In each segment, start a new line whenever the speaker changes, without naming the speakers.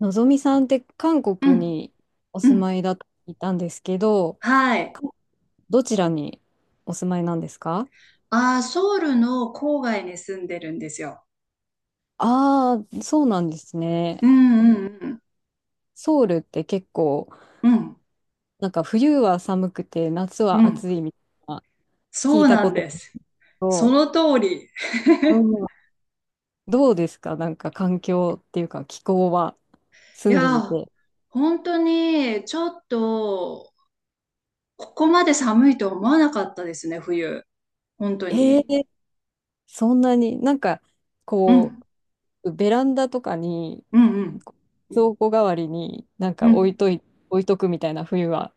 のぞみさんって韓
う
国
ん、
にお
う
住
ん。
まいだと聞いたんですけど、
はい。
かどちらにお住まいなんですか？
ソウルの郊外に住んでるんですよ。
ああー、そうなんですね。
うんうん
ソウルって結構、
うん。
なんか冬は寒くて夏
うん
は
う
暑
ん。
いみたいな、聞
そ
い
う
た
な
こ
ん
と
です。そ
と、
の通り。
うん。どうですか？なんか環境っていうか気候は、
い
住んで
や
み
ー、
て。
本当にちょっと、ここまで寒いと思わなかったですね、冬。本当
ええ、
に。
そんなになんか、
う
こ
ん。
う、ベランダとかに
うんうん
蔵庫代わりになん
う
か
ん。
置いとくみたいな、冬は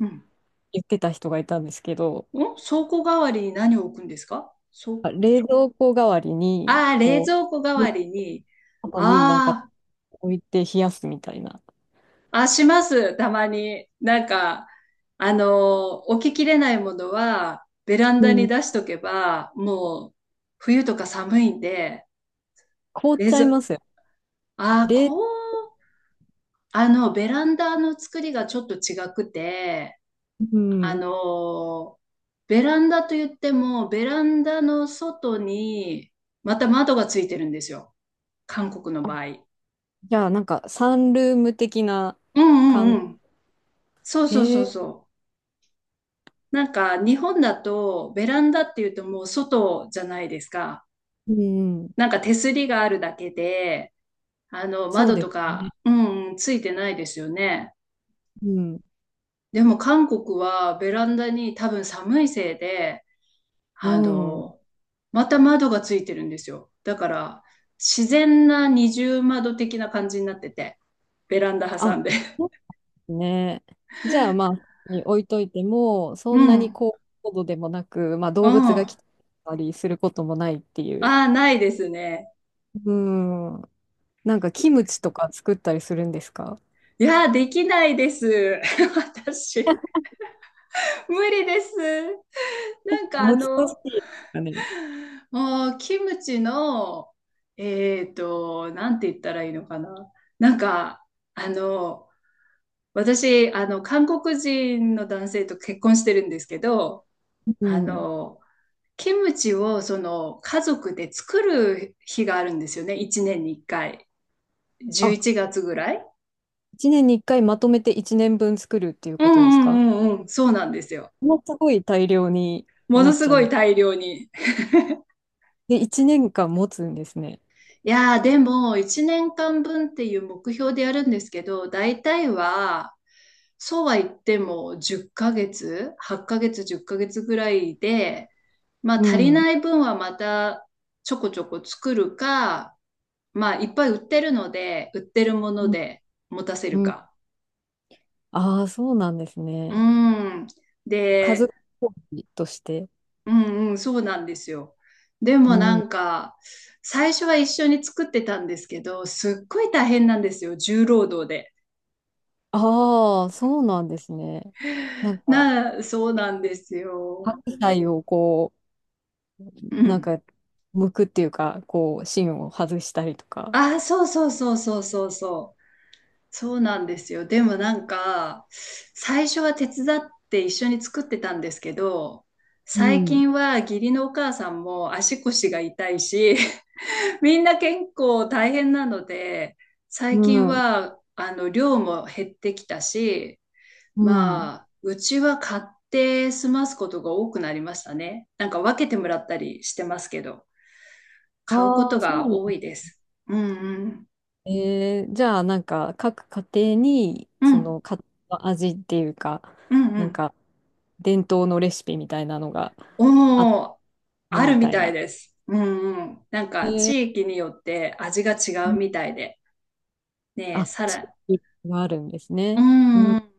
うん。
言ってた人がいたんですけど、
お、倉庫代わりに何を置くんですか？そ
あ、
う。
冷蔵庫代わりに、
ああ、冷
こ
蔵庫代
う、
わりに。
後になんか
あ
置いて冷やすみたいな。
あ、します、たまに。なんか、置ききれないものは、ベラン
う
ダに
ん、
出しとけば、もう、冬とか寒いんで、
凍っ
冷
ちゃいま
蔵、
すよ。
ああ、
冷、
こう、ベランダの作りがちょっと違くて、
う
あ
ん。
の、ベランダと言っても、ベランダの外に、また窓がついてるんですよ。韓国の
あ、
場合。
じゃあなんかサンルーム的な
うんう
感じ。
んうん。そうそう
へ
そう
え、
そう。なんか日本だとベランダっていうともう外じゃないですか。
うん、
なんか手すりがあるだけで、あの
そう
窓
で
と
すね。
か、うんうん、ついてないですよね。
うん、
でも韓国はベランダに多分寒いせいで、
う
あ
ん。
の、また窓がついてるんですよ。だから自然な二重窓的な感じになってて、ベランダ
あ、
挟んで。
そね。じゃあまあ、に置いといても、
う
そん
ん、
な
う
に
ん。
高高度でもなく、まあ動物が
あ
来たりすることもないっていう。
あ、ないですね。
うん。なんかキムチとか作ったりするんですか？
いや、できないです。私。無理です。なんかあ
難し
の、
いですかね。
もうキムチの、なんて言ったらいいのかな。なんか、あの、私、韓国人の男性と結婚してるんですけど、
う
あ
ん。
の、キムチをその家族で作る日があるんですよね。1年に1回。11
あ、
月ぐらい。
1年に1回まとめて1年分作るっていう
うん
ことですか？
うんうんうん。そうなんですよ。
もうすごい大量に
も
な
の
っ
す
ちゃ
ごい
う。
大量に。
で、1年間持つんですね。
いやー、でも、1年間分っていう目標でやるんですけど、大体は、そうは言っても10ヶ月、8ヶ月、10ヶ月ぐらいで、まあ
う
足り
ん。
ない分はまたちょこちょこ作るか、まあいっぱい売ってるので、売ってるもので持たせ
う
る
ん。
か。
ああ、そうなんです
う
ね。
ん。
家
で、
族料理として。
うんうん、そうなんですよ。で
う
もな
ん。
んか、最初は一緒に作ってたんですけど、すっごい大変なんですよ、重労働。
ああ、そうなんですね。なん か、
な、そうなんですよ。
白菜をこう、
う
なん
ん。
か、剥くっていうか、こう、芯を外したりとか。
あ、そうそうそうそうそうそう。そうなんですよ。でもなんか、最初は手伝って一緒に作ってたんですけど、
う
最
ん。
近は義理のお母さんも足腰が痛いし、みんな健康大変なので、最
う
近
ん。
は、量も減ってきたし、
うん。
まあ、うちは買って済ますことが多くなりましたね。なんか分けてもらったりしてますけど。買うこ
あ
と
あ、そうな
が
んです
多
ね。
いです。うんうん。
じゃあ、なんか、各家庭に、
う
そ
ん。
の、家庭の味っていうか、
うんう
なん
ん。
か、伝統のレシピみたいなのがあっ
おお、
た
ある
み
み
たい
たい
な。
です。うんうん。なんか
えー、
地域によって味が違うみたいで。ねえ、
あ、
さ
地
ら、
域があるんです
う
ね。う
んう
ん。
ん。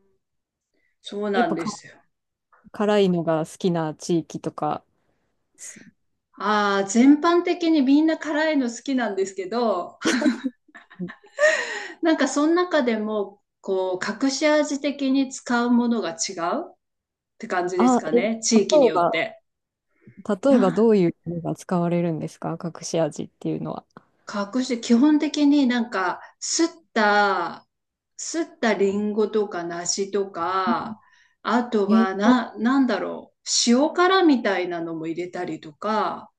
そう
や
な
っ
ん
ぱ
で
か、
すよ。
辛いのが好きな地域とか。
ああ、全般的にみんな辛いの好きなんですけど、なんかその中でも、こう、隠し味的に使うものが違うって感じです
あ、
か
え、え
ね、地域によっ
ば、
て。
例えばどういうのが使われるんですか？隠し味っていうのは。
加工して基本的になんか、た、すったリンゴとか梨とか、あとは
え、
な、なんだろう、塩辛みたいなのも入れたりとか、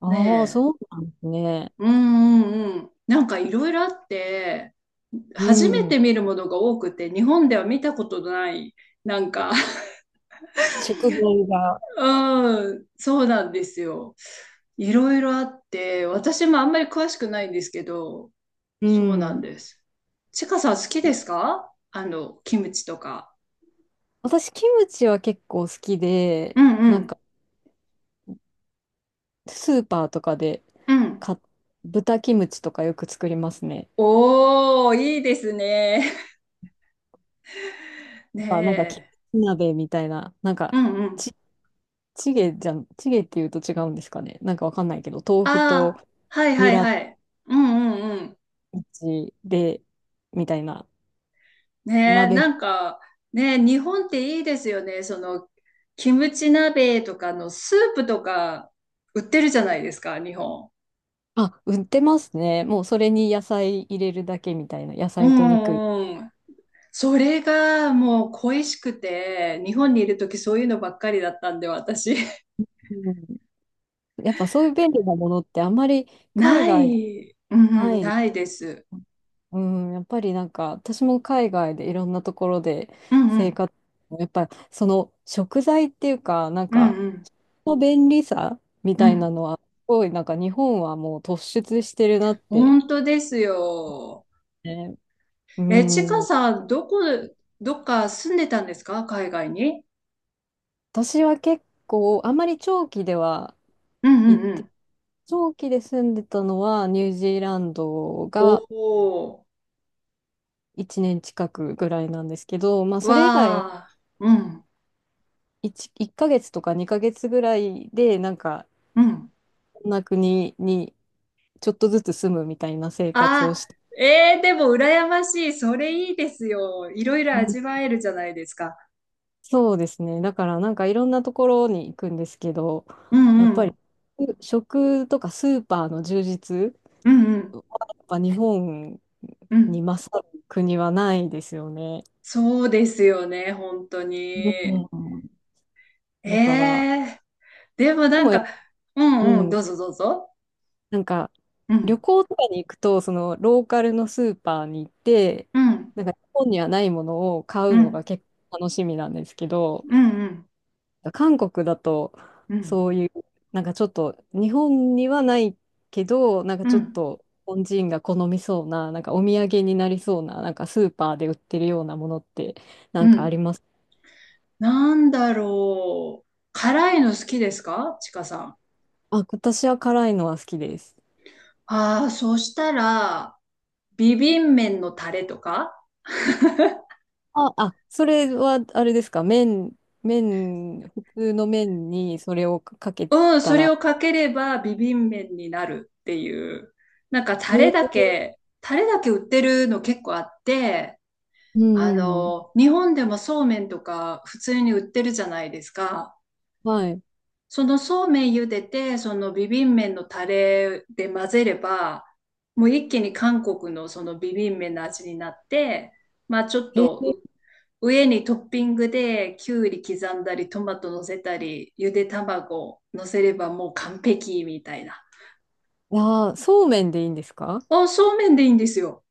ああー、
ね
そうなんですね。
え、うんうんうん。なんかいろいろあって、
う
初め
ん。
て見るものが多くて、日本では見たことのない、なんか、
食材が。
うん、そうなんですよ。いろいろあって、私もあんまり詳しくないんですけど、
う
そうなん
ん。
です。ちかさん、好きですか？キムチとか。
私、キムチは結構好きで、
うんう
なん
ん。
か、スーパーとかで
うん。
買っ、豚キムチとかよく作りますね。
おー、いいですね。
や
ね
っぱなんか、キ
え。
ムチ鍋みたいな、なん
う
か、
んうん。
ち、チゲじゃん、チゲっていうと違うんですかね。なんかわかんないけど、豆
あ
腐と
あ、はいは
ニ
い
ラキ
はい。うんうんうん。
ムチで、みたいな。
ねえ、
鍋、
なんか、ねえ、日本っていいですよね。その、キムチ鍋とかのスープとか売ってるじゃないですか、日本。
あ、売ってますね。もうそれに野菜入れるだけみたいな、野
う
菜と肉。
んうん。それがもう恋しくて、日本にいるときそういうのばっかりだったんで、私。
うん、やっぱそういう便利なものってあんまり海
な
外で
い。う
な
ん、
いです。
ないです。
うん、やっぱりなんか私も海外でいろんなところで
うんう
生
ん。
活、やっぱその食材っていうか、なん
うん
か
うん。
の便利さみ
う
たいな
ん。
のは、すごいなんか日本はもう突出してるなって。
本当ですよ。
ね、う
え、ちか
ん、
さん、どこ、どっか住んでたんですか？海外に。
私は結構あんまり長期では
うんう
行
ん
っ
う
て
ん。
長期で住んでたのはニュージーランド
お
が
ー。
1年近くぐらいなんですけど、まあ、それ以外は
わー。うん。
1, ヶ月とか2ヶ月ぐらいでなんか
うん。
こんな国にちょっとずつ住むみたいな生活を
あ、
して、
えー、でも羨ましい。それいいですよ。いろいろ
うん、
味わえるじゃないですか。
そうですね。だからなんかいろんなところに行くんですけど、
うん
や
う
っぱり
ん。
食とかスーパーの充実
うんうん
はやっぱ日本
うん。
に勝る国はないですよね。
そうですよね、本当に。
うん。
え
だから
え。でも
で
なん
もやっ
か、
ぱ、
う
う
んうん、
ん、
どうぞどうぞ。
なんか、
うん、
旅行とかに行くと、そのローカルのスーパーに行って、
うん、
なんか日本にはないものを買
う
うの
ん、
が結構楽しみなんですけど、
うん、うん、
韓国だと、
うん、
そういう、なんかちょっと、日本にはないけど、なんか
う
ちょっ
ん、
と、日本人が好みそうな、なんかお土産になりそうな、なんかスーパーで売ってるようなものって、な
う
んかあり
ん。
ます？
なんだろう。辛いの好きですか、ちかさん？
あ、私は辛いのは好きです。
ああ、そしたら、ビビン麺のタレとか。
あ、あ、それはあれですか？麺、普通の麺にそれをかけ
うん、
た
それ
ら、
をかければビビン麺になるっていう。なんかタ
え
レだ
ー、
け、タレだけ売ってるの結構あって、
うんうん、
日本でもそうめんとか普通に売ってるじゃないですか。
はい。
そのそうめん茹でて、そのビビン麺のタレで混ぜれば、もう一気に韓国のそのビビン麺の味になって、まあちょっ
え
とう、
ー、
上にトッピングできゅうり刻んだり、トマト乗せたり、ゆで卵乗せればもう完璧みたいな。
あー、そうめんでいいんですか？
あ、そうめんでいいんですよ。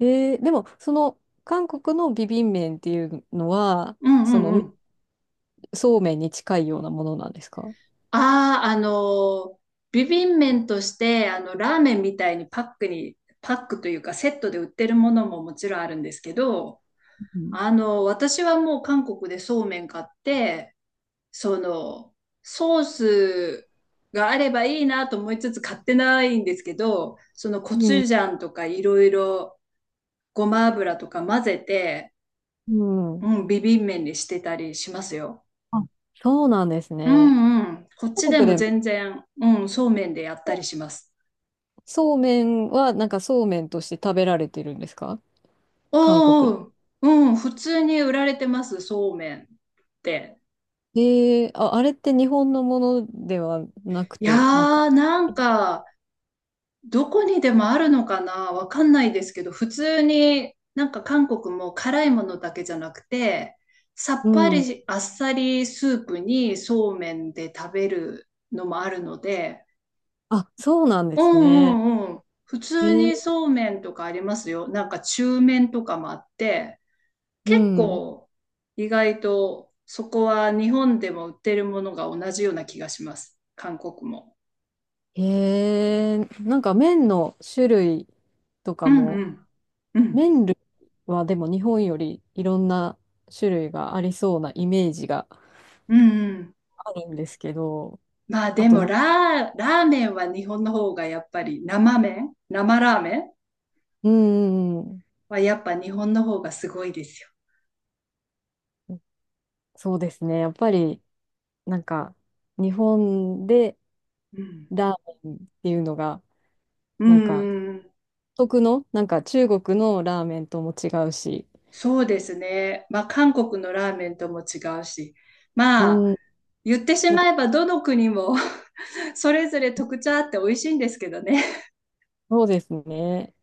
でも、その、韓国のビビン麺っていうのは、
うんう
その、
んうん。
そうめんに近いようなものなんですか？
ああ、あの、ビビン麺として、ラーメンみたいにパックに、パックというかセットで売ってるものももちろんあるんですけど、
うん。
私はもう韓国でそうめん買って、その、ソースがあればいいなと思いつつ買ってないんですけど、そのコチュジャンとかいろいろごま油とか混ぜて、
うん。
うん、ビビン麺にしてたりしますよ。
あ、そうなんです
う
ね。
んうん。こっち
韓
で
国
も
でも、
全然、うん、そうめんでやったりします。
そうめんは、なんかそうめんとして食べられてるんですか？韓国？
おー、うん、普通に売られてます、そうめんって。
ええ、あ、あれって日本のものではなく
いや
て、なんか、
ー、なんか、どこにでもあるのかな、わかんないですけど、普通になんか韓国も辛いものだけじゃなくて、さ
う
っぱり
ん。
しあっさりスープにそうめんで食べるのもあるので、
あ、そうなんで
う
すね。
んうんうん、普通
ええ、
にそうめんとかありますよ。なんか中麺とかもあって、
う
結
ん。
構意外とそこは日本でも売ってるものが同じような気がします。韓国も。
ええ、なんか麺の種類と
う
か
ん
も、
うん。うん。
麺類はでも日本よりいろんな種類がありそうなイメージが
うんうん。
あるんですけど、
まあ
あ
で
と
も
な、
ラー、ラーメンは日本の方がやっぱり生麺、生ラーメン
うん、うん
はやっぱ日本の方がすごいですよ。
うん、そうですね。やっぱり、なんか、日本で
うん。
ラーメンっていうのが、
う
なんか、
んうん、
独特の、なんか中国のラーメンとも違うし、
そうですね。まあ韓国のラーメンとも違うし、ま
う
あ
ん、
言ってし
なん
ま
か、
えばどの国も それぞれ特徴あって美味しいんですけどね。
そうですね。